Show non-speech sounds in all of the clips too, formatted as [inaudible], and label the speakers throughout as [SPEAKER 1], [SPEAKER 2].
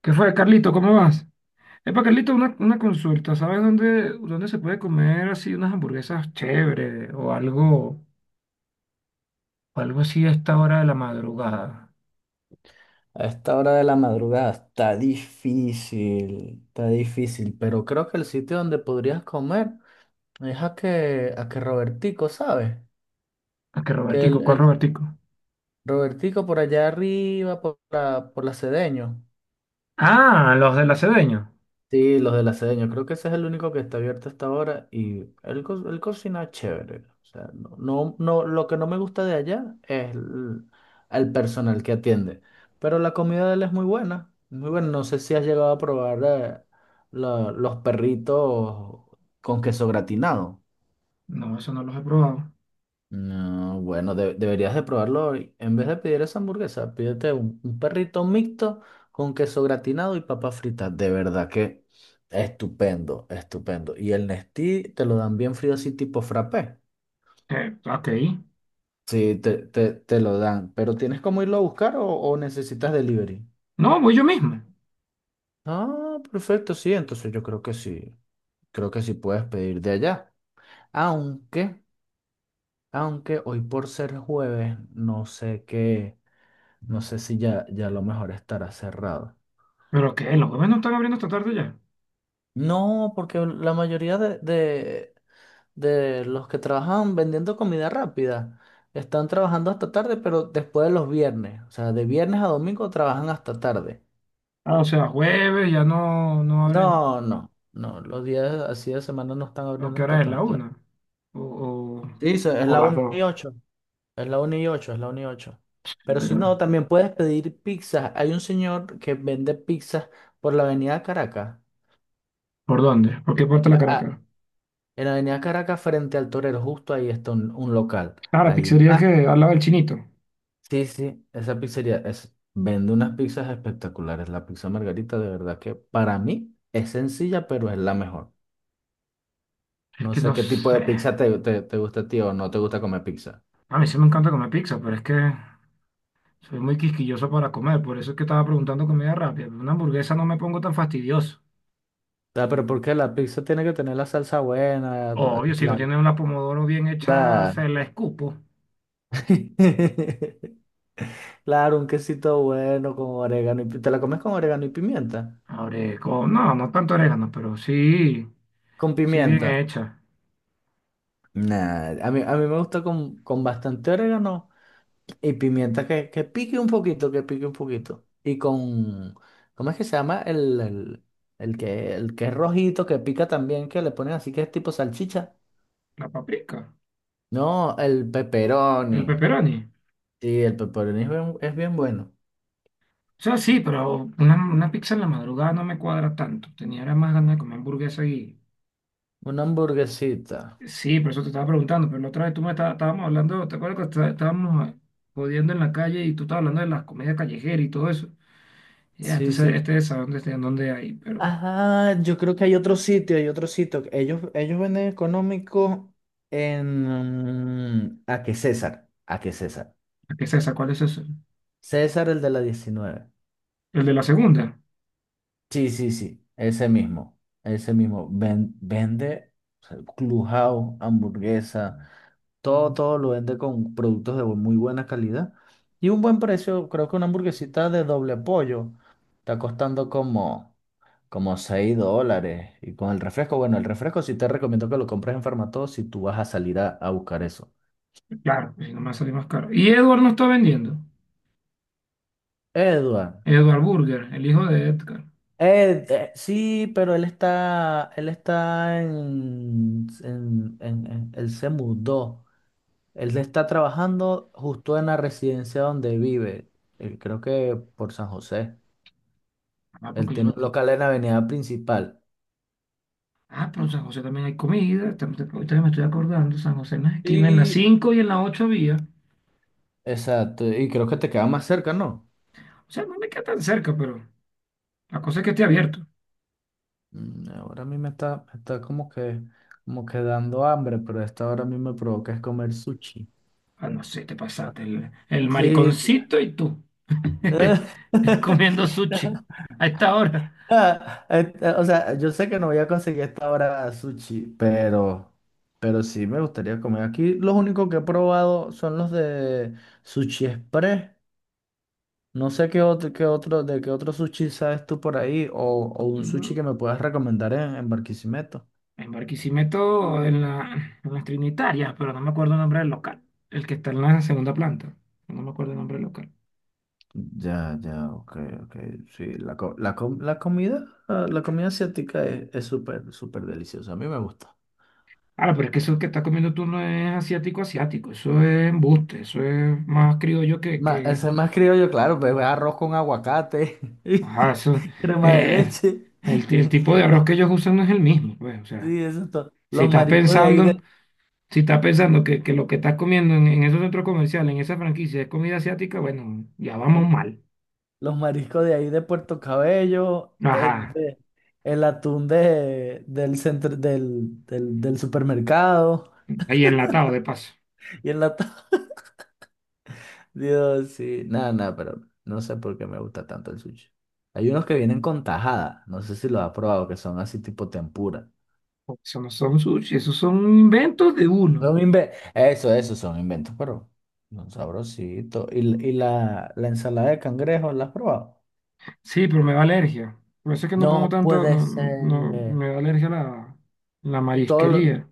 [SPEAKER 1] ¿Qué fue, Carlito? ¿Cómo vas? Epa, Carlito, una consulta. ¿Sabes dónde se puede comer así unas hamburguesas chéveres o algo así a esta hora de la madrugada?
[SPEAKER 2] A esta hora de la madrugada está difícil, pero creo que el sitio donde podrías comer es a que Robertico, ¿sabes?
[SPEAKER 1] ¿A qué
[SPEAKER 2] Que el,
[SPEAKER 1] Robertico? ¿Cuál
[SPEAKER 2] el-
[SPEAKER 1] Robertico?
[SPEAKER 2] Robertico por allá arriba, por la Cedeño.
[SPEAKER 1] Ah, los del Acedeño.
[SPEAKER 2] Sí, los de la sede, creo que ese es el único que está abierto hasta ahora y él, él cocina chévere. O sea, lo que no me gusta de allá es el personal que atiende, pero la comida de él es muy buena, muy buena. No sé si has llegado a probar los perritos con queso gratinado.
[SPEAKER 1] No, eso no los he probado.
[SPEAKER 2] No, bueno, deberías de probarlo hoy. En vez de pedir esa hamburguesa, pídete un perrito mixto con queso gratinado y papas fritas. De verdad que estupendo, estupendo. Y el Nestí te lo dan bien frío así tipo frappé.
[SPEAKER 1] Ok.
[SPEAKER 2] Sí, te lo dan. Pero ¿tienes cómo irlo a buscar o necesitas delivery?
[SPEAKER 1] No, voy yo mismo.
[SPEAKER 2] Ah, perfecto, sí. Entonces yo creo que sí. Creo que sí puedes pedir de allá. Aunque, aunque hoy por ser jueves, no sé qué. No sé si ya a lo mejor estará cerrado.
[SPEAKER 1] ¿Pero qué? ¿Los jueves no están abriendo esta tarde ya?
[SPEAKER 2] No, porque la mayoría de los que trabajan vendiendo comida rápida están trabajando hasta tarde, pero después de los viernes. O sea, de viernes a domingo trabajan hasta tarde.
[SPEAKER 1] Ah, o sea, jueves ya no, no abren.
[SPEAKER 2] No, no, no. Los días así de semana no están
[SPEAKER 1] ¿A
[SPEAKER 2] abriendo
[SPEAKER 1] qué
[SPEAKER 2] hasta
[SPEAKER 1] hora es? ¿La
[SPEAKER 2] tan tarde.
[SPEAKER 1] una? ¿O, o,
[SPEAKER 2] Sí, es
[SPEAKER 1] o
[SPEAKER 2] la
[SPEAKER 1] las
[SPEAKER 2] 1
[SPEAKER 1] dos?
[SPEAKER 2] y 8. Es la 1 y 8, es la 1 y 8. Pero si no,
[SPEAKER 1] Pero,
[SPEAKER 2] también puedes pedir pizza. Hay un señor que vende pizzas por la avenida Caracas.
[SPEAKER 1] ¿por dónde? ¿Por qué parte de la Caracas?
[SPEAKER 2] En la Avenida Caracas, frente al Torero, justo ahí está un local.
[SPEAKER 1] Ah, la
[SPEAKER 2] Ahí,
[SPEAKER 1] pizzería
[SPEAKER 2] Ah,
[SPEAKER 1] que hablaba el chinito.
[SPEAKER 2] sí, sí, esa pizzería es, vende unas pizzas espectaculares. La pizza margarita, de verdad que para mí es sencilla, pero es la mejor.
[SPEAKER 1] Es
[SPEAKER 2] No
[SPEAKER 1] que
[SPEAKER 2] sé
[SPEAKER 1] no
[SPEAKER 2] qué tipo
[SPEAKER 1] sé.
[SPEAKER 2] de pizza te gusta a ti o no te gusta comer pizza.
[SPEAKER 1] A mí sí me encanta comer pizza, pero es que soy muy quisquilloso para comer. Por eso es que estaba preguntando comida rápida. Una hamburguesa no me pongo tan fastidioso.
[SPEAKER 2] Ah, ¿pero porque la pizza tiene que tener la salsa buena?
[SPEAKER 1] Obvio, si no
[SPEAKER 2] La,
[SPEAKER 1] tiene una pomodoro bien hecha,
[SPEAKER 2] la,
[SPEAKER 1] se la escupo.
[SPEAKER 2] [laughs] claro, un quesito bueno con orégano y ¿te la comes con orégano y pimienta?
[SPEAKER 1] Ahora, no, no tanto orégano, pero sí,
[SPEAKER 2] Con
[SPEAKER 1] sí bien
[SPEAKER 2] pimienta.
[SPEAKER 1] hecha.
[SPEAKER 2] Nah, a mí me gusta con bastante orégano y pimienta que pique un poquito, que pique un poquito. Y con, ¿cómo es que se llama? El que es rojito, que pica también, que le ponen así que es tipo salchicha.
[SPEAKER 1] La paprika,
[SPEAKER 2] No, el pepperoni.
[SPEAKER 1] el pepperoni.
[SPEAKER 2] Sí, el pepperoni es bien bueno.
[SPEAKER 1] O sea, sí, pero una pizza en la madrugada no me cuadra tanto. Tenía era más ganas de comer hamburguesa.
[SPEAKER 2] Una hamburguesita.
[SPEAKER 1] Sí, por eso te estaba preguntando, pero la otra vez tú me estábamos hablando, ¿te acuerdas que estábamos jodiendo en la calle y tú estabas hablando de las comidas callejeras y todo eso? Ya, este,
[SPEAKER 2] Sí, sí.
[SPEAKER 1] este es a dónde está, en dónde hay, pero
[SPEAKER 2] Ah, yo creo que hay otro sitio, hay otro sitio. Ellos venden económico en... ¿A qué César? ¿A qué César?
[SPEAKER 1] ¿qué es esa? ¿Cuál es ese?
[SPEAKER 2] César, el de la 19.
[SPEAKER 1] El de la segunda,
[SPEAKER 2] Sí, sí, sí, ese mismo, ese mismo. Vende o sea, Clubhouse, hamburguesa, todo, todo lo vende con productos de muy buena calidad y un buen precio. Creo que una hamburguesita de doble pollo está costando como, como $6. Y con el refresco, bueno, el refresco sí te recomiendo que lo compres en Farmatodo si tú vas a salir a buscar eso.
[SPEAKER 1] claro, si no me va a salir más caro. Y Edward no está vendiendo,
[SPEAKER 2] Edward,
[SPEAKER 1] Edward Burger, el hijo de Edgar.
[SPEAKER 2] Sí, pero él está, él está él se mudó. Él está trabajando justo en la residencia donde vive, creo que por San José.
[SPEAKER 1] Ah, porque
[SPEAKER 2] Él
[SPEAKER 1] yo
[SPEAKER 2] tiene
[SPEAKER 1] lo...
[SPEAKER 2] un local en la avenida principal.
[SPEAKER 1] Ah, pero en San José también hay comida, ahorita me estoy acordando, San José en la esquina, en la
[SPEAKER 2] Y,
[SPEAKER 1] 5 y en la 8 había.
[SPEAKER 2] exacto, y creo que te queda más cerca, ¿no?
[SPEAKER 1] O sea, no me queda tan cerca, pero la cosa es que esté abierto.
[SPEAKER 2] Mm, ahora a mí me está como que dando hambre, pero a esta hora a mí me provoca es comer sushi.
[SPEAKER 1] Ah, no sé, te pasaste. El
[SPEAKER 2] Sí.
[SPEAKER 1] mariconcito y tú. [laughs] Comiendo sushi
[SPEAKER 2] [laughs]
[SPEAKER 1] a esta hora.
[SPEAKER 2] Ah, o sea, yo sé que no voy a conseguir esta hora sushi, pero sí me gustaría comer. Aquí los únicos que he probado son los de Sushi Express. No sé qué otro, de qué otro sushi sabes tú por ahí, o un sushi
[SPEAKER 1] Ujú.
[SPEAKER 2] que me puedas recomendar en Barquisimeto.
[SPEAKER 1] En Barquisimeto, en las Trinitarias, pero no me acuerdo el nombre del local. El que está en la segunda planta. No me acuerdo el nombre del local.
[SPEAKER 2] Ya, ya, ok, ok. Sí, la comida, ah, la comida asiática es súper, súper deliciosa. A mí me gusta.
[SPEAKER 1] Ahora, pero es que eso que estás comiendo tú no es asiático, asiático. Eso es embuste. Eso es más criollo que...
[SPEAKER 2] Eso es más criollo, claro, pues arroz con aguacate, [laughs]
[SPEAKER 1] Ajá, eso...
[SPEAKER 2] y crema de
[SPEAKER 1] eh,
[SPEAKER 2] leche.
[SPEAKER 1] el tipo
[SPEAKER 2] [laughs]
[SPEAKER 1] de arroz
[SPEAKER 2] Los,
[SPEAKER 1] que ellos usan no es el mismo, pues. O sea,
[SPEAKER 2] sí, eso es todo.
[SPEAKER 1] si estás pensando... Si estás pensando que lo que estás comiendo en esos centros comerciales, en esa franquicia, es comida asiática, bueno, ya vamos mal.
[SPEAKER 2] Los mariscos de ahí de Puerto Cabello,
[SPEAKER 1] Ajá,
[SPEAKER 2] el atún del centro, del supermercado
[SPEAKER 1] ahí enlatado de paso.
[SPEAKER 2] [laughs] y el atún. [laughs] Dios, sí, nada, nada, pero no sé por qué me gusta tanto el sushi. Hay unos que vienen con tajada, no sé si lo has probado, que son así tipo tempura.
[SPEAKER 1] Porque eso no son sushi, esos son inventos de uno.
[SPEAKER 2] Eso, eso son inventos, pero son sabrositos. Y la ensalada de cangrejo la has probado?
[SPEAKER 1] Sí, pero me da alergia. Por eso es que no como
[SPEAKER 2] No
[SPEAKER 1] tanto,
[SPEAKER 2] puede
[SPEAKER 1] no, no,
[SPEAKER 2] ser.
[SPEAKER 1] me da alergia la
[SPEAKER 2] Todo lo...
[SPEAKER 1] marisquería.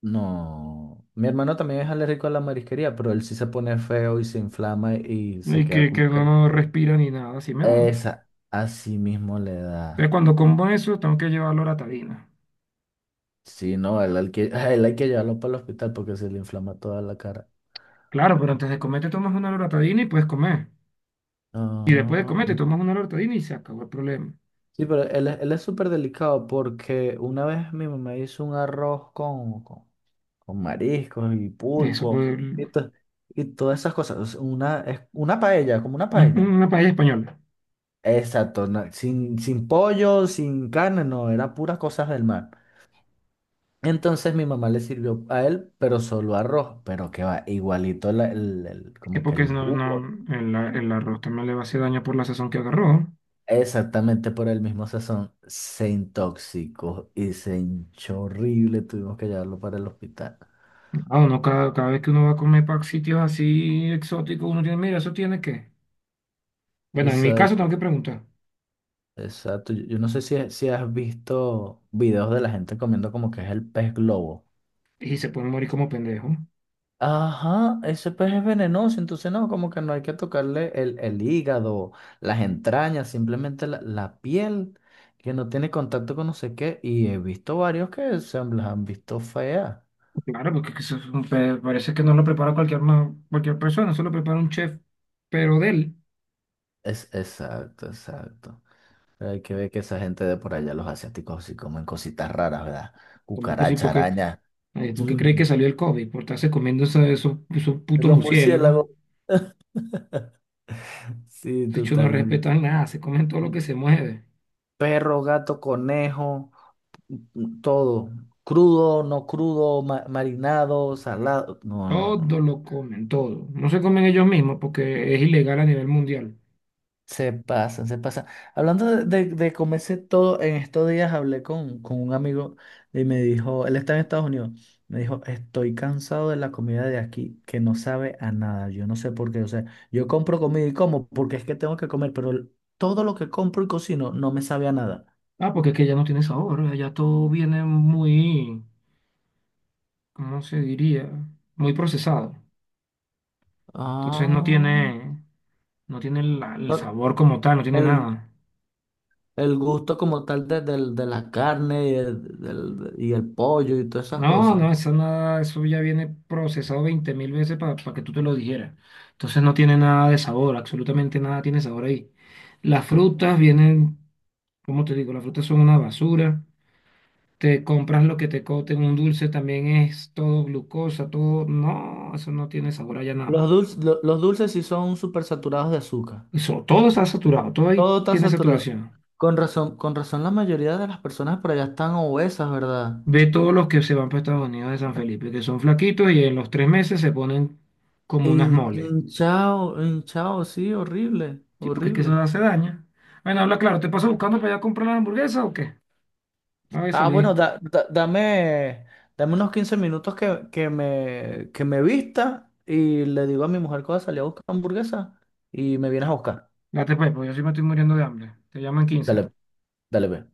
[SPEAKER 2] No. Mi hermano también es alérgico a la marisquería, pero él sí se pone feo y se inflama y se
[SPEAKER 1] Y
[SPEAKER 2] queda
[SPEAKER 1] que
[SPEAKER 2] como que...
[SPEAKER 1] no, no respira ni nada, así me dan.
[SPEAKER 2] Esa, así mismo le
[SPEAKER 1] Entonces
[SPEAKER 2] da.
[SPEAKER 1] cuando como eso, tengo que llevar loratadina.
[SPEAKER 2] Sí, no, él, hay que, [laughs] él hay que llevarlo para el hospital porque se le inflama toda la cara.
[SPEAKER 1] Claro, pero antes de comer te tomas una loratadina y puedes comer. Y después de
[SPEAKER 2] Ah,
[SPEAKER 1] comer te
[SPEAKER 2] no.
[SPEAKER 1] tomas una loratadina y se acabó el problema.
[SPEAKER 2] Sí, pero él, él es súper delicado porque una vez mi mamá hizo un arroz con mariscos y
[SPEAKER 1] Eso
[SPEAKER 2] pulpo
[SPEAKER 1] pues,
[SPEAKER 2] y, to- y todas esas cosas. O sea, una, es una paella, como una
[SPEAKER 1] ujú,
[SPEAKER 2] paella.
[SPEAKER 1] una paella española.
[SPEAKER 2] Exacto, sin, sin pollo, sin carne, no, era puras cosas del mar. Entonces mi mamá le sirvió a él, pero solo arroz, pero que va igualito
[SPEAKER 1] Que
[SPEAKER 2] como que
[SPEAKER 1] porque si
[SPEAKER 2] el
[SPEAKER 1] no, no,
[SPEAKER 2] jugo.
[SPEAKER 1] el arroz también le va a hacer daño por la sazón que agarró.
[SPEAKER 2] Exactamente por el mismo sazón, se intoxicó y se hinchó horrible, tuvimos que llevarlo para el hospital.
[SPEAKER 1] Ah, uno cada vez que uno va a comer para sitios así exóticos, uno tiene, mira, eso tiene que. Bueno, en mi
[SPEAKER 2] Eso
[SPEAKER 1] caso tengo que preguntar.
[SPEAKER 2] exacto. Yo no sé si, si has visto videos de la gente comiendo como que es el pez globo.
[SPEAKER 1] Y se puede morir como pendejo.
[SPEAKER 2] Ajá, ese pez es venenoso, entonces no, como que no hay que tocarle el hígado, las entrañas, simplemente la piel, que no tiene contacto con no sé qué. Y he visto varios que las han visto feas.
[SPEAKER 1] Claro, porque eso es un parece que no lo prepara cualquier persona, solo prepara un chef, pero de él.
[SPEAKER 2] Es, exacto, exacto. Pero hay que ver que esa gente de por allá, los asiáticos, sí comen cositas raras, ¿verdad?
[SPEAKER 1] Como que sí,
[SPEAKER 2] Cucaracha,
[SPEAKER 1] porque,
[SPEAKER 2] araña,
[SPEAKER 1] ay,
[SPEAKER 2] [tsk]
[SPEAKER 1] porque cree que salió el COVID, por estarse comiendo esos, esos putos
[SPEAKER 2] los
[SPEAKER 1] murciélagos.
[SPEAKER 2] murciélagos. [laughs] Sí,
[SPEAKER 1] De hecho, no
[SPEAKER 2] totalmente.
[SPEAKER 1] respetan nada, se comen todo lo que se mueve.
[SPEAKER 2] Perro, gato, conejo, todo. Crudo, no crudo, marinado, salado. No, no, no.
[SPEAKER 1] Todo lo comen, todo. No se comen ellos mismos porque es ilegal a nivel mundial.
[SPEAKER 2] Se pasan, se pasan. Hablando de comerse todo, en estos días hablé con un amigo y me dijo, él está en Estados Unidos, me dijo, estoy cansado de la comida de aquí, que no sabe a nada. Yo no sé por qué. O sea, yo compro comida y como porque es que tengo que comer, pero todo lo que compro y cocino no me sabe a nada.
[SPEAKER 1] Ah, porque es que ya no tiene sabor, ¿eh? Ya todo viene muy, ¿cómo se diría? Muy procesado. Entonces no
[SPEAKER 2] Ah,
[SPEAKER 1] tiene, no tiene el
[SPEAKER 2] no,
[SPEAKER 1] sabor como tal, no tiene
[SPEAKER 2] el,
[SPEAKER 1] nada.
[SPEAKER 2] el gusto como tal de la carne y y el pollo y todas esas
[SPEAKER 1] No,
[SPEAKER 2] cosas.
[SPEAKER 1] no, eso nada, eso ya viene procesado 20.000 veces para que tú te lo dijeras. Entonces no tiene nada de sabor, absolutamente nada tiene sabor ahí. Las frutas vienen, como te digo, las frutas son una basura. Te compras lo que te coten, un dulce también es todo glucosa, todo, no, eso no tiene sabor allá nada.
[SPEAKER 2] Los dulces sí son súper saturados de azúcar.
[SPEAKER 1] Eso, todo está saturado, todo ahí
[SPEAKER 2] Todo está
[SPEAKER 1] tiene
[SPEAKER 2] saturado.
[SPEAKER 1] saturación.
[SPEAKER 2] Con razón la mayoría de las personas por allá están obesas, ¿verdad?
[SPEAKER 1] Ve todos los que se van para Estados Unidos de San Felipe, que son flaquitos y en los 3 meses se ponen como unas moles.
[SPEAKER 2] Hinchado, hinchado, sí, horrible,
[SPEAKER 1] Sí, porque es que eso
[SPEAKER 2] horrible.
[SPEAKER 1] hace daño. Bueno, habla claro, ¿te paso buscando para allá a comprar la hamburguesa o qué? A ver,
[SPEAKER 2] Ah, bueno,
[SPEAKER 1] salí.
[SPEAKER 2] dame unos 15 minutos que me vista y le digo a mi mujer que voy a salir a buscar hamburguesa y me vienes a buscar.
[SPEAKER 1] Date pues, porque yo sí me estoy muriendo de hambre. Te llaman 15
[SPEAKER 2] Dale, dale, ve.